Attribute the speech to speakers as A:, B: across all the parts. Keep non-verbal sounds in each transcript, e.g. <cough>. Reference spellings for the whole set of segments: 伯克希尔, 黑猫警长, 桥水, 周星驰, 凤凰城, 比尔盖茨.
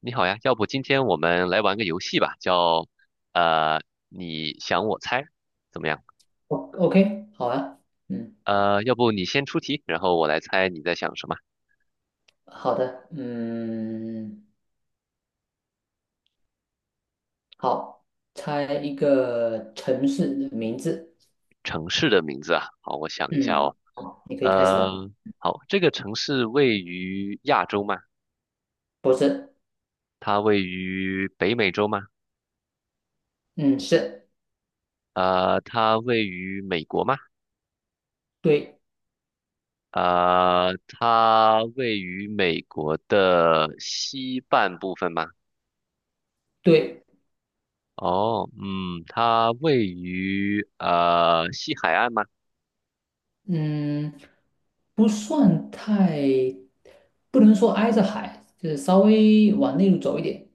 A: 你好呀，要不今天我们来玩个游戏吧，叫呃你想我猜，怎么样？
B: 哦 OK，好啊，嗯，
A: 要不你先出题，然后我来猜你在想什么
B: 好的，嗯，好，猜一个城市的名字，
A: 城市的名字啊？好，我想一下
B: 嗯，
A: 哦。
B: 好，你可以开始了。
A: 呃，好，这个城市位于亚洲吗？
B: 不是，
A: 它位于北美洲吗？
B: 嗯，是，
A: 它位于美国吗？
B: 对，
A: 它位于美国的西半部分吗？
B: 对，
A: 哦，嗯，它位于西海岸吗
B: 嗯，不算太，不能说挨着海，就是稍微往内陆走一点，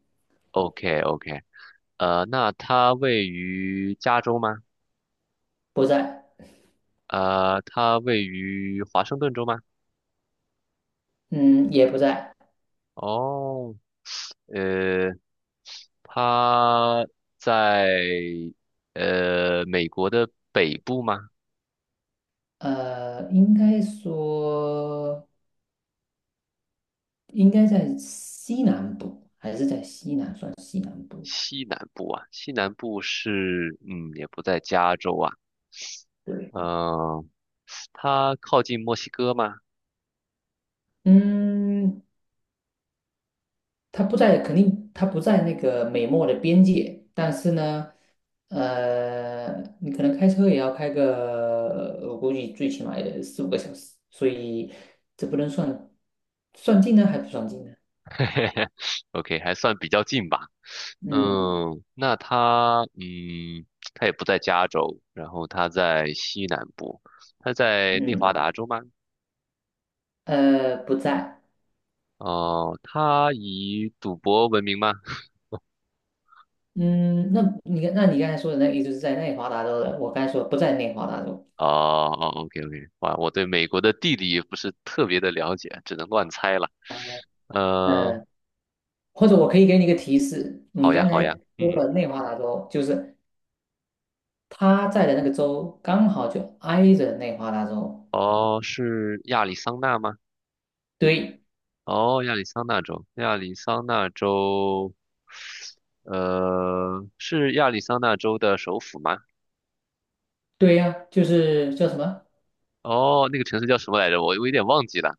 A: ？OK OK,那它位于加州吗？
B: 不在，
A: 它位于华盛顿州吗？
B: 嗯，也不在，
A: 哦，呃，它在美国的北部吗？
B: 应该说应该在西南部，还是在西南，算西南部。
A: 西南部啊，西南部是嗯也不在加州啊，
B: 对。
A: 嗯、它靠近墨西哥吗
B: 嗯，它不在，肯定它不在那个美墨的边界，但是呢，你可能开车也要开个，我估计最起码也四五个小时，所以这不能算近呢，还不算近呢。
A: <laughs>？OK，嘿嘿嘿，OK，还算比较近吧。
B: 嗯
A: 嗯，那他，嗯，他也不在加州，然后他在西南部，他在内华
B: 嗯，
A: 达州吗？
B: 不在。
A: 哦、他以赌博闻名吗？
B: 嗯，那你刚才说的那个意思是在内华达州的，我刚才说不在内华达州。
A: 哦哦，OK OK，哇，我对美国的地理不是特别的了解，只能乱猜了。呃，
B: 嗯，或者我可以给你一个提示，你
A: 好呀
B: 刚
A: 好呀，
B: 才说
A: 嗯，
B: 了内华达州，就是他在的那个州刚好就挨着内华达州。
A: 哦，是亚利桑那吗？
B: 对，
A: 哦，亚利桑那州，亚利桑那州，是亚利桑那州的首府吗？
B: 对呀、就是叫什么？
A: 哦，那个城市叫什么来着？我有点忘记了。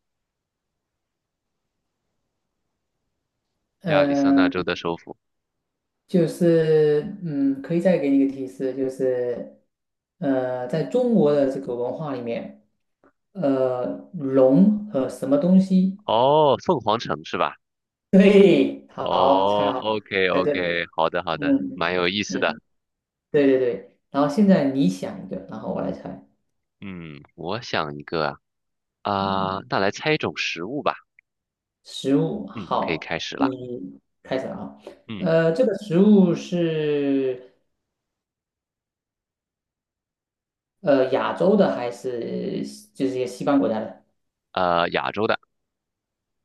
A: 亚利桑那州
B: 嗯、
A: 的首府。
B: 就是可以再给你一个提示，就是在中国的这个文化里面，呃，龙和什么东西？
A: 哦，凤凰城是吧？
B: 对，好，
A: 哦
B: 猜好，
A: ，OK
B: 猜对了。
A: OK，好的好的，
B: 嗯
A: 蛮有意思的。
B: 嗯，对对对。然后现在你想一个，然后我来猜。
A: 嗯，我想一个啊，
B: 嗯。
A: 啊，那来猜一种食物吧。
B: 食物
A: 嗯，可以
B: 好，
A: 开始了。
B: 你开始了啊。
A: 嗯，
B: 这个食物是亚洲的还是就是一些西方国家的？
A: 亚洲的，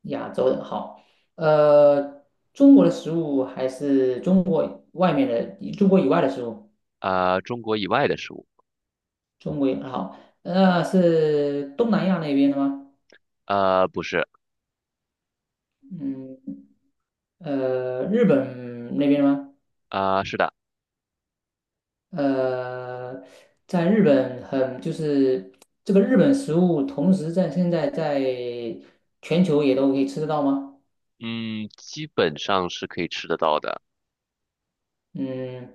B: 亚洲的好，呃，中国的食物还是中国以外的食物？
A: 中国以外的食物，
B: 中国以好，那、是东南亚那边的吗？
A: 不是，
B: 嗯，日本那边的吗？
A: 是的，
B: 呃，在日本很就是这个日本食物，同时在现在在全球也都可以吃得到吗？
A: 嗯，基本上是可以吃得到的。
B: 嗯，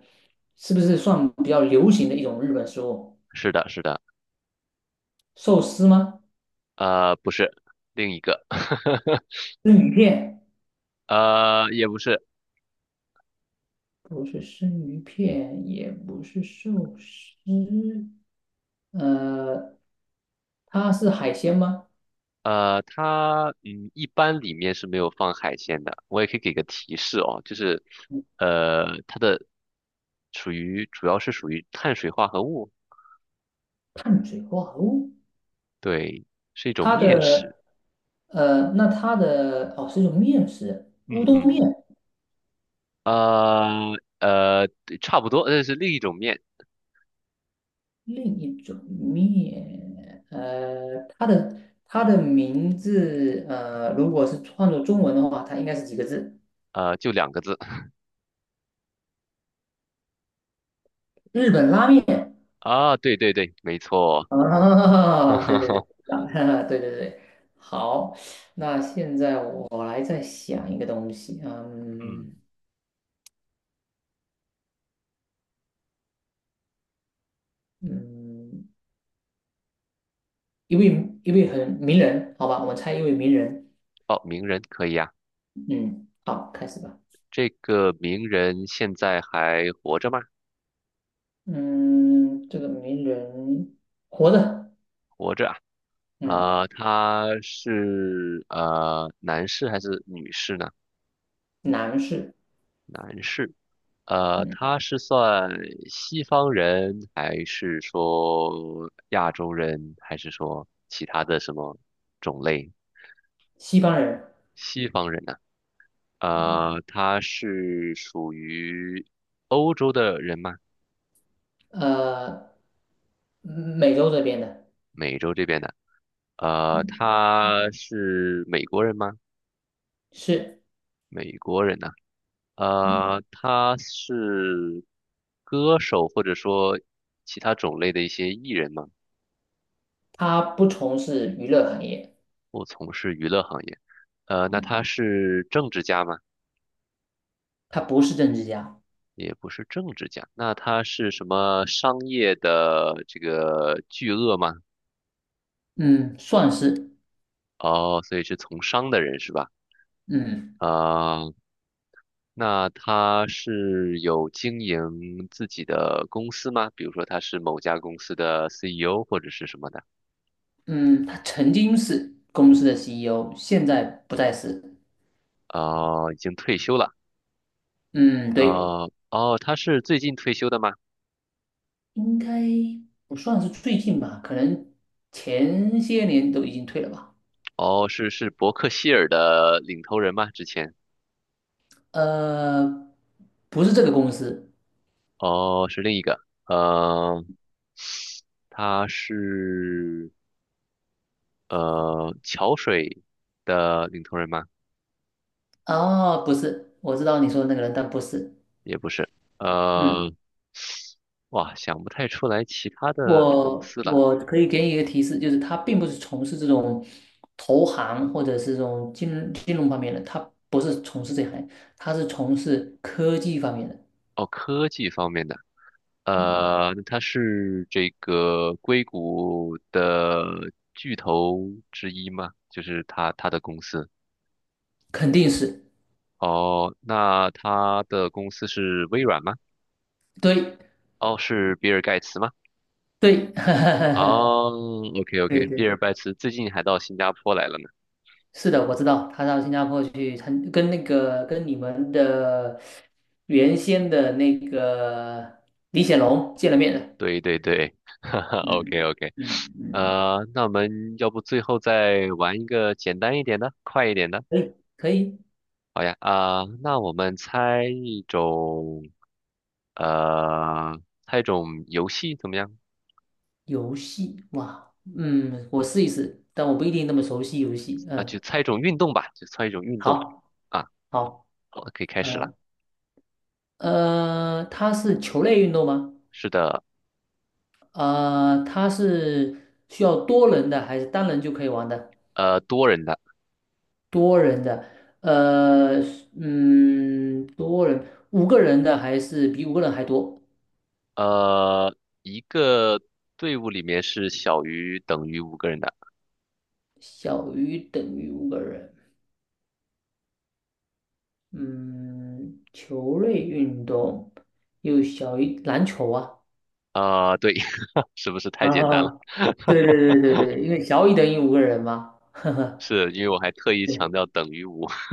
B: 是不是算比较流行的一种日本食物？
A: 是的，是的，
B: 寿司吗？
A: 不是，另一个，<laughs>
B: 生鱼片？
A: 也不是。
B: 不是生鱼片，也不是寿司，呃，它是海鲜吗？
A: 它嗯，一般里面是没有放海鲜的。我也可以给个提示哦，就是它的属于主要是属于碳水化合物，
B: 碳水化合物？
A: 对，是一种
B: 它
A: 面食。
B: 的呃，那它的哦，是一种面食，
A: 嗯
B: 乌冬
A: 嗯，
B: 面。
A: 呃对差不多，那是另一种面，
B: 另一种面，它的名字，如果是换作中文的话，它应该是几个字？
A: 呃，就两个字 <laughs>
B: 日本拉面
A: 啊，对对对，没错。
B: 啊，<laughs> 对对对，
A: <laughs>
B: 啊 <laughs> 对对对，好，那现在我来再想一个东西，
A: 嗯，
B: 嗯嗯，一位很名人，好吧，我们猜一位名人，
A: 哦，名人可以啊，
B: 嗯，好，开始吧，
A: 这个名人现在还活着吗？
B: 嗯，这个名人活着，
A: 活着
B: 嗯，
A: 啊。他是男士还是女士呢？
B: 男士。
A: 男士。
B: 嗯。
A: 他是算西方人，还是说亚洲人，还是说其他的什么种类？
B: 西方人，
A: 西方人呢、
B: 嗯，
A: 他是属于欧洲的人吗？
B: 呃，美洲这边的，
A: 美洲这边的。
B: 嗯，
A: 他是美国人吗？
B: 是，
A: 美国人呢、
B: 嗯，
A: 他是歌手或者说其他种类的一些艺人吗？
B: 他不从事娱乐行业，
A: 不从事娱乐行业。那
B: 嗯，
A: 他是政治家吗？
B: 他不是政治家，
A: 也不是政治家，那他是什么商业的这个巨鳄吗？
B: 嗯，算是，
A: 哦，所以是从商的人是吧？
B: 嗯
A: 啊，那他是有经营自己的公司吗？比如说他是某家公司的 CEO 或者是什么的？
B: 嗯，他曾经是公司的 CEO，现在不再是，
A: 哦，已经退休了。
B: 嗯，对，
A: 哦，他是最近退休的吗？
B: 应该不算是最近吧，可能前些年都已经退了吧，
A: 哦，是伯克希尔的领头人吗？之前，
B: 呃，不是这个公司，
A: 哦，是另一个，呃，他是桥水的领头人吗？
B: 哦，不是，我知道你说的那个人，但不是。
A: 也不是，
B: 嗯。
A: 呃，哇，想不太出来其他的公
B: 我
A: 司了。
B: 我可以给你一个提示，就是他并不是从事这种投行或者是这种金融方面的，他不是从事这行，他是从事科技方面的，
A: 哦，科技方面的，他是这个硅谷的巨头之一吗？就是他的公司。
B: 肯定是
A: 哦，那他的公司是微软吗？
B: 对
A: 哦，是比尔盖茨吗？
B: 对 <laughs>
A: 哦，OK OK，
B: 对
A: 比
B: 对，
A: 尔盖茨最近还到新加坡来了呢。
B: 是的，我知道他到新加坡去参，跟那个跟你们的原先的那个李显龙见了面的，
A: 对对对，<laughs> 哈哈
B: 嗯
A: ，OK OK，
B: 嗯嗯，
A: 那我们要不最后再玩一个简单一点的，快一点的？
B: 可以可以。
A: 好呀，啊、那我们猜一种，猜一种游戏怎么样？
B: 游戏，哇，嗯，我试一试，但我不一定那么熟悉游戏。
A: 啊，就
B: 嗯，
A: 猜一种运动吧，就猜一种运动。
B: 好，
A: 啊，
B: 好，
A: 好，可以开始了。
B: 嗯，它是球类运动吗？
A: 是的，
B: 它是需要多人的还是单人就可以玩的？
A: 多人的。
B: 多人的，呃，嗯，多人，五个人的还是比五个人还多？
A: 呃，一个队伍里面是小于等于五个人的。
B: 小于等于五个人。嗯，球类运动又小于篮球啊。
A: 啊、对，<laughs> 是不是太
B: 啊，
A: 简
B: 啊
A: 单了？
B: 啊对
A: <laughs>
B: 对对对对，因为小于等于五个人嘛，<laughs> 呵呵，
A: 是因为我还特意强调等于五。<laughs>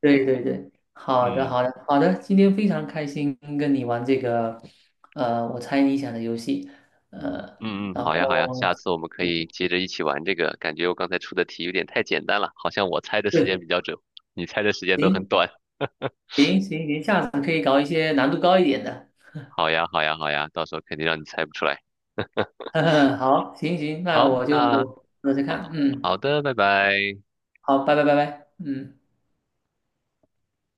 B: 对对对对，好的
A: 嗯
B: 好的好的，今天非常开心跟你玩这个，我猜你想的游戏，呃，
A: 嗯嗯，
B: 然
A: 好呀好呀，
B: 后
A: 下次我们可以接着一起玩这个。感觉我刚才出的题有点太简单了，好像我猜的时间
B: 对，
A: 比较准，你猜的时间都很
B: 行
A: 短。<laughs>
B: 行行行，下次可以搞一些难度高一点的，
A: 好呀好呀好呀，到时候肯定让你猜不出来。
B: <laughs> 呵呵，好，行行，那
A: 好，
B: 我就
A: 那
B: 试试
A: 好
B: 看，嗯，
A: 好的，拜拜。
B: 好，拜拜拜拜，嗯。